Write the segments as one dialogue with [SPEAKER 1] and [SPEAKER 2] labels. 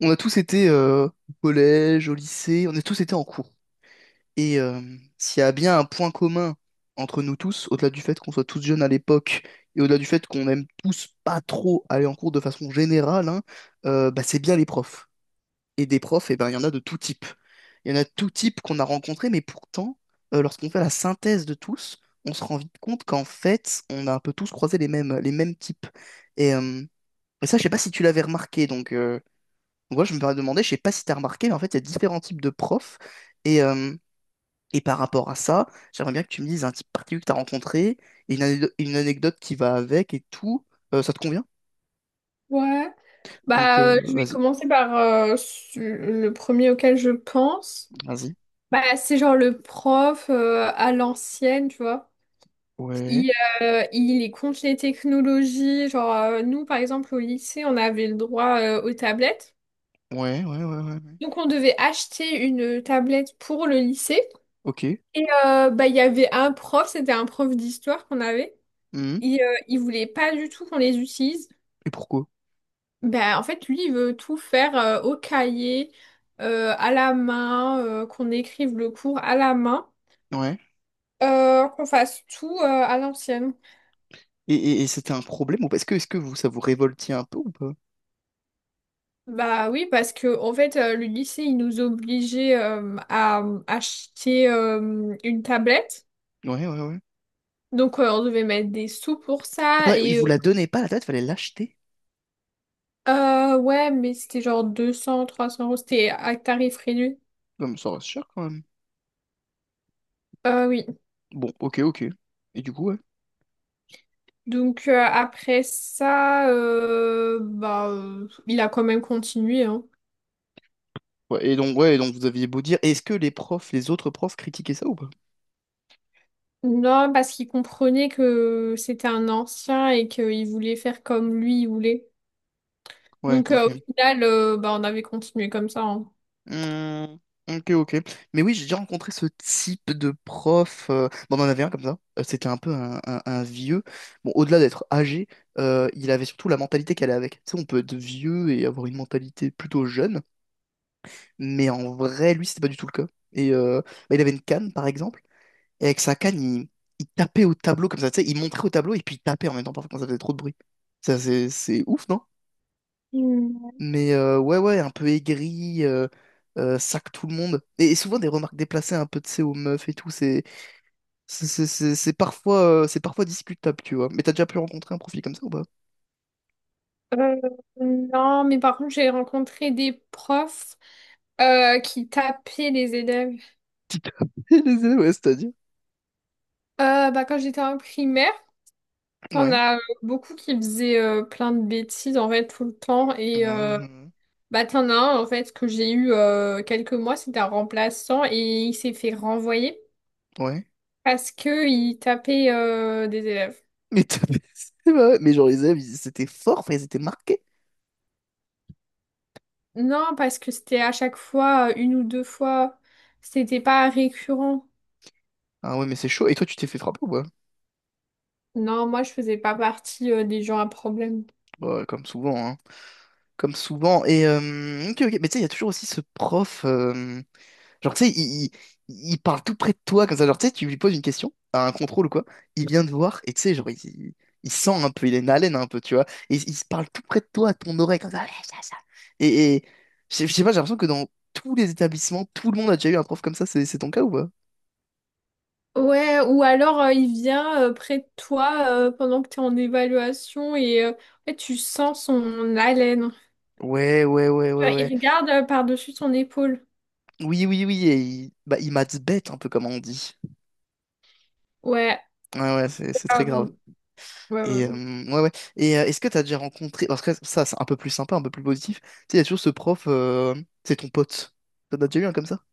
[SPEAKER 1] On a tous été au collège, au lycée, on a tous été en cours. Et euh, S'il y a bien un point commun entre nous tous, au-delà du fait qu'on soit tous jeunes à l'époque, et au-delà du fait qu'on aime tous pas trop aller en cours de façon générale, hein, bah, c'est bien les profs. Et des profs, eh ben, il y en a de tout type. Il y en a de tout type qu'on a rencontrés, mais pourtant, lorsqu'on fait la synthèse de tous, on se rend vite compte qu'en fait, on a un peu tous croisé les mêmes types. Et, euh, et ça, je sais pas si tu l'avais remarqué, moi, je me demandais, demander, je sais pas si tu as remarqué, mais en fait, il y a différents types de profs. Et, euh, et par rapport à ça, j'aimerais bien que tu me dises un type particulier que tu as rencontré, et une anecdote qui va avec et tout. Ça te convient?
[SPEAKER 2] Ouais.
[SPEAKER 1] Donc,
[SPEAKER 2] Je vais
[SPEAKER 1] vas-y,
[SPEAKER 2] commencer par le premier auquel je pense.
[SPEAKER 1] vas-y.
[SPEAKER 2] Bah, c'est genre le prof à l'ancienne, tu vois.
[SPEAKER 1] Ouais,
[SPEAKER 2] Il, il est contre les technologies. Genre, nous, par exemple, au lycée, on avait le droit aux tablettes.
[SPEAKER 1] ouais, ouais, ouais, ouais, ouais.
[SPEAKER 2] Donc, on devait acheter une tablette pour le lycée.
[SPEAKER 1] Ok.
[SPEAKER 2] Il y avait un prof, c'était un prof d'histoire qu'on avait.
[SPEAKER 1] Mhm.
[SPEAKER 2] Il voulait pas du tout qu'on les utilise.
[SPEAKER 1] Et pourquoi?
[SPEAKER 2] Ben, en fait, lui, il veut tout faire au cahier, à la main, qu'on écrive le cours à la main,
[SPEAKER 1] Ouais.
[SPEAKER 2] qu'on fasse tout à l'ancienne.
[SPEAKER 1] Et c'était un problème ou pas? Est-ce que vous, ça vous révoltait un peu ou pas?
[SPEAKER 2] Bah oui, parce que en fait, le lycée, il nous obligeait à acheter une tablette.
[SPEAKER 1] Ouais, ouais, ouais.
[SPEAKER 2] Donc, on devait mettre des sous pour
[SPEAKER 1] Attends,
[SPEAKER 2] ça.
[SPEAKER 1] il vous la donnait pas la tête, fallait l'acheter.
[SPEAKER 2] Ouais, mais c'était genre deux cents trois cents euros. C'était à tarif réduit.
[SPEAKER 1] Comme ça reste cher quand même.
[SPEAKER 2] Oui.
[SPEAKER 1] Bon, ok, ok. Et du coup, ouais.
[SPEAKER 2] Après ça, il a quand même continué, hein.
[SPEAKER 1] Ouais, et donc vous aviez beau dire, est-ce que les profs, les autres profs critiquaient ça ou pas?
[SPEAKER 2] Non, parce qu'il comprenait que c'était un ancien et qu'il voulait faire comme lui il voulait.
[SPEAKER 1] Ouais, ok.
[SPEAKER 2] Au final, on avait continué comme ça, hein.
[SPEAKER 1] Hmm, ok, ok. Mais oui, j'ai déjà rencontré ce type de prof. Bon, on en avait un comme ça. C'était un peu un vieux. Bon, au-delà d'être âgé, il avait surtout la mentalité qu'elle allait avec. Tu sais, on peut être vieux et avoir une mentalité plutôt jeune, mais en vrai, lui, c'était pas du tout le cas. Et euh, Bah, il avait une canne, par exemple, et avec sa canne, il tapait au tableau comme ça. Tu sais, il montrait au tableau et puis il tapait en même temps, parfois, quand ça faisait trop de bruit. Ça, c'est ouf, non?
[SPEAKER 2] Hmm.
[SPEAKER 1] Mais ouais, ouais, un peu aigri, sac tout le monde. Et souvent des remarques déplacées un peu, de sais, aux meufs et tout. C'est parfois, c'est parfois discutable, tu vois. Mais t'as déjà pu rencontrer un profil comme ça ou pas?
[SPEAKER 2] Euh, non, mais par contre, j'ai rencontré des profs qui tapaient les élèves.
[SPEAKER 1] Qui t'a les ailes, ouais, c'est-à-dire.
[SPEAKER 2] Quand j'étais en primaire, on
[SPEAKER 1] Ouais.
[SPEAKER 2] a beaucoup qui faisaient plein de bêtises en fait tout le temps.
[SPEAKER 1] Mhm.
[SPEAKER 2] T'en as un, en fait, que j'ai eu quelques mois, c'était un remplaçant et il s'est fait renvoyer
[SPEAKER 1] Ouais.
[SPEAKER 2] parce que il tapait des élèves.
[SPEAKER 1] Mais t'as C'est vrai. Mais genre, c'était fort, enfin, ils étaient marqués.
[SPEAKER 2] Non, parce que c'était à chaque fois, une ou deux fois, c'était pas récurrent.
[SPEAKER 1] Ah ouais, mais c'est chaud. Et toi, tu t'es fait frapper ou pas?
[SPEAKER 2] Non, moi, je faisais pas partie des gens à problème.
[SPEAKER 1] Ouais, comme souvent, hein. Comme souvent. Et ok, ok. Mais tu sais, il y a toujours aussi ce prof. Genre, tu sais, il parle tout près de toi, comme ça. Genre, tu sais, tu lui poses une question, à un contrôle ou quoi, il vient te voir, et tu sais, genre, il sent un peu, il est une haleine un peu, tu vois. Et il se parle tout près de toi, à ton oreille, comme ça. Ouais, ça, ça. Et je sais pas, j'ai l'impression que dans tous les établissements, tout le monde a déjà eu un prof comme ça, c'est ton cas ou pas?
[SPEAKER 2] Ouais, ou alors il vient près de toi pendant que t'es en évaluation et en fait, tu sens son haleine.
[SPEAKER 1] Ouais, ouais, ouais, ouais,
[SPEAKER 2] Il
[SPEAKER 1] ouais.
[SPEAKER 2] regarde par-dessus ton épaule.
[SPEAKER 1] Oui, oui, oui, et il, bah, il maths bête, un peu comme on dit.
[SPEAKER 2] Ouais.
[SPEAKER 1] Ouais, ouais, c'est très grave.
[SPEAKER 2] Euh,
[SPEAKER 1] Et
[SPEAKER 2] ouais.
[SPEAKER 1] ouais, ouais. Et est-ce que t'as déjà rencontré. Parce que ça, c'est un peu plus sympa, un peu plus positif. Tu sais, il y a toujours ce prof, c'est ton pote. T'en as déjà eu un comme ça?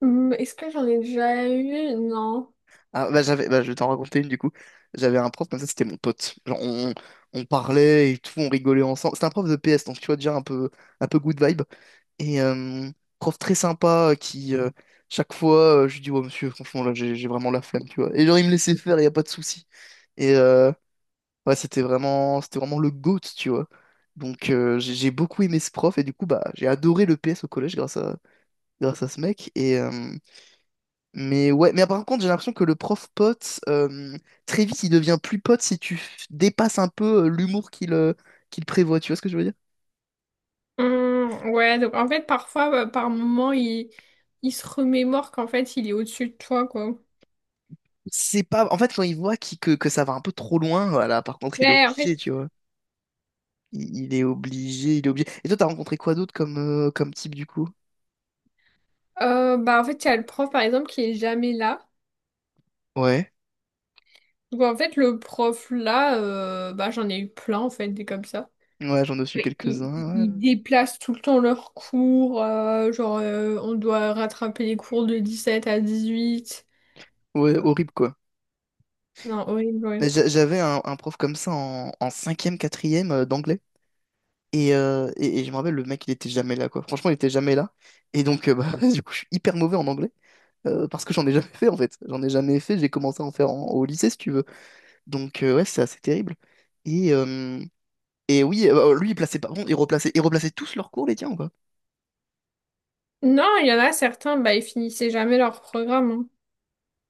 [SPEAKER 2] Hum. Est-ce que j'en ai déjà eu? Non.
[SPEAKER 1] Ah, bah, j'avais, bah, je vais t'en raconter une du coup. J'avais un prof comme ça, c'était mon pote. Genre, on parlait et tout, on rigolait ensemble. C'était un prof de PS, donc tu vois, déjà un peu good vibe. Et prof très sympa qui chaque fois, je lui dis, ouais, monsieur, franchement, là, j'ai vraiment la flemme, tu vois. Et genre, il me laissait faire, il n'y a pas de souci. Et ouais, c'était vraiment le GOAT, tu vois. Donc j'ai beaucoup aimé ce prof et du coup bah j'ai adoré le PS au collège grâce à ce mec et mais ouais mais par contre j'ai l'impression que le prof pote très vite il devient plus pote si dépasses un peu l'humour qu'il prévoit, tu vois ce que je veux dire?
[SPEAKER 2] Ouais, donc en fait, parfois, bah, par moment, il se remémore qu'en fait, il est au-dessus de toi, quoi.
[SPEAKER 1] C'est pas en fait quand il voit que ça va un peu trop loin, voilà, par contre il est
[SPEAKER 2] Ouais, en fait,
[SPEAKER 1] obligé, tu vois. Il est obligé, il est obligé. Et toi t'as rencontré quoi d'autre comme comme type du coup?
[SPEAKER 2] en fait, il y a le prof, par exemple, qui est jamais là.
[SPEAKER 1] Ouais
[SPEAKER 2] Donc, en fait, le prof, là, j'en ai eu plein, en fait, des comme ça.
[SPEAKER 1] ouais j'en ai su
[SPEAKER 2] Et Ils,
[SPEAKER 1] quelques-uns,
[SPEAKER 2] ils
[SPEAKER 1] ouais.
[SPEAKER 2] déplacent tout le temps leurs cours, on doit rattraper les cours de 17 à 18.
[SPEAKER 1] Ouais, horrible, quoi.
[SPEAKER 2] Non, horrible, ouais.
[SPEAKER 1] Mais j'avais un prof comme ça en, en cinquième, quatrième d'anglais. Et je me rappelle, le mec, il était jamais là, quoi. Franchement, il était jamais là. Et donc, bah, du coup, je suis hyper mauvais en anglais. Parce que j'en ai jamais fait, en fait. J'en ai jamais fait. J'ai commencé à en faire en- Au lycée, si tu veux. Donc, ouais, c'est assez terrible. Et, euh, et oui, bah, lui, il plaçait pas. Bon, il replaçait tous leurs cours, les tiens, quoi.
[SPEAKER 2] Non, il y en a certains, bah, ils finissaient jamais leur programme, hein.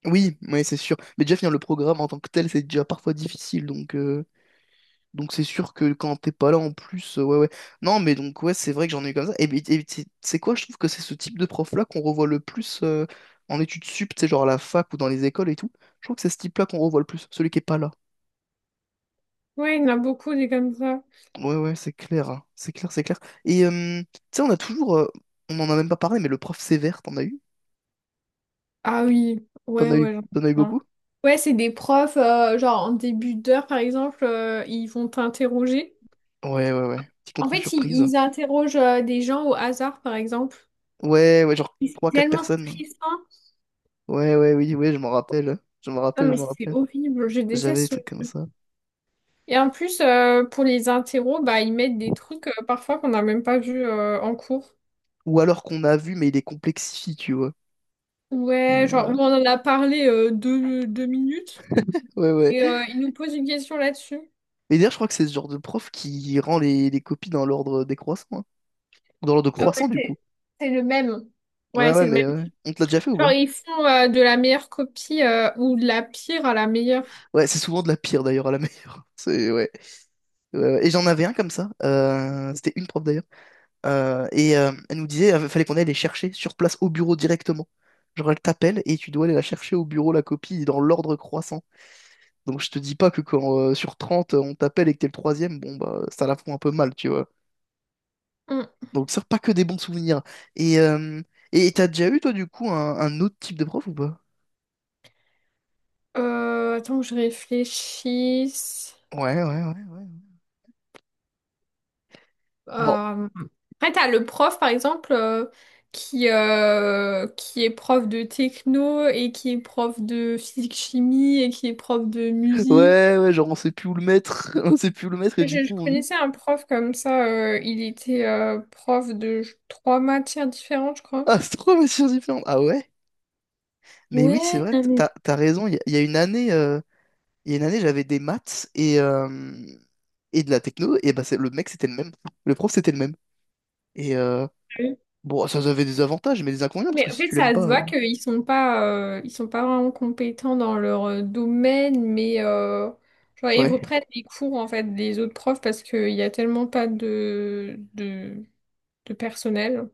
[SPEAKER 1] Oui, ouais, c'est sûr. Mais déjà, finir le programme en tant que tel, c'est déjà parfois difficile. Donc, donc c'est sûr que quand t'es pas là en plus, ouais ouais. Non mais donc ouais c'est vrai que j'en ai eu comme ça. Et, ben, et c'est quoi? Je trouve que c'est ce type de prof-là qu'on revoit le plus en études sup, tu sais, genre à la fac ou dans les écoles et tout. Je trouve que c'est ce type-là qu'on revoit le plus, celui qui est pas là.
[SPEAKER 2] Ouais, il y en a beaucoup des comme ça.
[SPEAKER 1] Ouais ouais c'est clair, hein. C'est clair, c'est clair. Et tu sais on a toujours, on en a même pas parlé, mais le prof sévère, t'en as eu?
[SPEAKER 2] Ah oui,
[SPEAKER 1] T'en
[SPEAKER 2] ouais,
[SPEAKER 1] as eu,
[SPEAKER 2] ouais, j'en ai
[SPEAKER 1] T'en as eu
[SPEAKER 2] plein.
[SPEAKER 1] beaucoup?
[SPEAKER 2] Ouais, c'est des profs, genre en début d'heure par exemple, ils vont t'interroger.
[SPEAKER 1] Ouais ouais ouais. Petit
[SPEAKER 2] En
[SPEAKER 1] contrôle
[SPEAKER 2] fait, ils,
[SPEAKER 1] surprise.
[SPEAKER 2] ils interrogent des gens au hasard par exemple.
[SPEAKER 1] Ouais ouais genre
[SPEAKER 2] Et c'est
[SPEAKER 1] trois quatre
[SPEAKER 2] tellement
[SPEAKER 1] personnes.
[SPEAKER 2] stressant.
[SPEAKER 1] Ouais ouais oui ouais
[SPEAKER 2] Non,
[SPEAKER 1] je
[SPEAKER 2] mais
[SPEAKER 1] m'en
[SPEAKER 2] c'est
[SPEAKER 1] rappelle.
[SPEAKER 2] horrible, je
[SPEAKER 1] J'avais
[SPEAKER 2] déteste
[SPEAKER 1] des
[SPEAKER 2] ce-
[SPEAKER 1] trucs comme ça.
[SPEAKER 2] Et en plus, pour les interros, bah, ils mettent des trucs parfois qu'on n'a même pas vu en cours.
[SPEAKER 1] Ou alors qu'on a vu, mais il les complexifie, tu vois.
[SPEAKER 2] Ouais,
[SPEAKER 1] Et,
[SPEAKER 2] genre,
[SPEAKER 1] euh,
[SPEAKER 2] on en a parlé deux minutes
[SPEAKER 1] ouais, ouais.
[SPEAKER 2] et ils nous posent une question là-dessus.
[SPEAKER 1] Mais d'ailleurs, je crois que c'est ce genre de prof qui rend les copies dans l'ordre décroissant. Hein. Dans l'ordre
[SPEAKER 2] Ah ouais,
[SPEAKER 1] croissant, du coup.
[SPEAKER 2] c'est le même. Ouais,
[SPEAKER 1] Ouais, ouais,
[SPEAKER 2] c'est le même.
[SPEAKER 1] mais ouais. On te l'a déjà fait ou
[SPEAKER 2] Genre,
[SPEAKER 1] pas?
[SPEAKER 2] ils font de la meilleure copie ou de la pire à la meilleure.
[SPEAKER 1] Ouais, c'est souvent de la pire d'ailleurs à la meilleure. C'est, ouais. Ouais, ouais. Et j'en avais un comme ça. C'était une prof d'ailleurs. Et elle nous disait, fallait qu'on aille les chercher sur place au bureau directement. Genre, elle t'appelle et tu dois aller la chercher au bureau, la copie, dans l'ordre croissant. Donc, je te dis pas que quand sur 30 on t'appelle et que t'es le troisième, bon, bah, ça la fout un peu mal, tu vois.
[SPEAKER 2] Hum,
[SPEAKER 1] Donc, ça, pas que des bons souvenirs. Et euh, et t'as déjà eu, toi, du coup, un autre type de prof ou pas?
[SPEAKER 2] attends que je réfléchisse.
[SPEAKER 1] Ouais, ouais, ouais, ouais. Bon,
[SPEAKER 2] Euh, Après, t'as le prof, par exemple, qui est prof de techno et qui est prof de physique-chimie et qui est prof de musique.
[SPEAKER 1] ouais, ouais, genre, on sait plus où le mettre, on sait plus où le mettre, et
[SPEAKER 2] Je,
[SPEAKER 1] du
[SPEAKER 2] je
[SPEAKER 1] coup, on lui.
[SPEAKER 2] connaissais un prof comme ça, il était prof de trois matières différentes, je crois.
[SPEAKER 1] Ah, c'est trois matières différentes. Ah ouais? Mais oui, c'est
[SPEAKER 2] Ouais,
[SPEAKER 1] vrai,
[SPEAKER 2] non,
[SPEAKER 1] t'as raison. Il y a une année, il y a une année, j'avais des maths et de la techno, et bah, le mec, c'était le même. Le prof, c'était le même. Et
[SPEAKER 2] Euh,
[SPEAKER 1] bon, ça avait des avantages, mais des inconvénients, parce que
[SPEAKER 2] mais en
[SPEAKER 1] si
[SPEAKER 2] fait,
[SPEAKER 1] tu l'aimes
[SPEAKER 2] ça se
[SPEAKER 1] pas.
[SPEAKER 2] voit qu'ils sont pas, ils sont pas vraiment compétents dans leur domaine, mais genre, ils
[SPEAKER 1] Ouais.
[SPEAKER 2] reprennent les cours en fait des autres profs parce qu'il y a tellement pas de personnel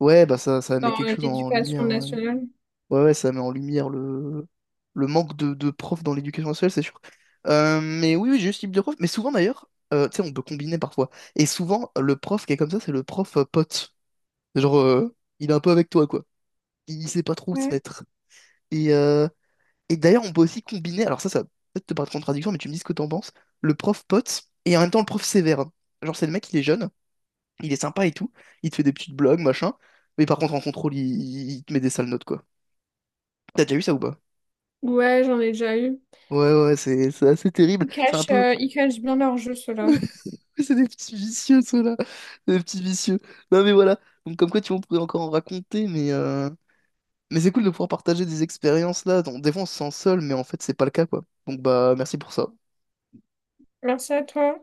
[SPEAKER 1] Ouais, bah, ça met
[SPEAKER 2] dans
[SPEAKER 1] quelque chose en
[SPEAKER 2] l'éducation
[SPEAKER 1] lumière. Ouais.
[SPEAKER 2] nationale.
[SPEAKER 1] Ouais, ouais, ça met en lumière le manque de profs dans l'éducation nationale, c'est sûr. Mais oui, oui, j'ai eu ce type de prof. Mais souvent, d'ailleurs, tu sais, on peut combiner parfois. Et souvent, le prof qui est comme ça, c'est le prof pote. Genre, il est un peu avec toi, quoi. Il sait pas trop où se
[SPEAKER 2] Ouais,
[SPEAKER 1] mettre. Et, euh, et d'ailleurs, on peut aussi combiner, alors ça va peut-être te paraître contradiction, mais tu me dis ce que t'en penses, le prof pote et en même temps le prof sévère. Genre, c'est le mec, il est jeune, il est sympa et tout, il te fait des petites blagues, machin, mais par contre, en contrôle, il te met des sales notes, quoi. T'as déjà eu ça ou pas?
[SPEAKER 2] Ouais, j'en ai déjà eu.
[SPEAKER 1] Ouais, ouais, c'est assez terrible.
[SPEAKER 2] Ils
[SPEAKER 1] C'est un
[SPEAKER 2] cachent,
[SPEAKER 1] peu.
[SPEAKER 2] ils cachent bien leur jeu, ceux-là.
[SPEAKER 1] C'est des petits vicieux, ceux-là. Des petits vicieux. Non, mais voilà. Donc, comme quoi, tu vois, on pourrait encore en raconter, mais c'est cool de pouvoir partager des expériences là. Donc, des fois, on se sent seul, mais en fait, c'est pas le cas, quoi. Donc, bah, merci pour ça.
[SPEAKER 2] Merci à toi.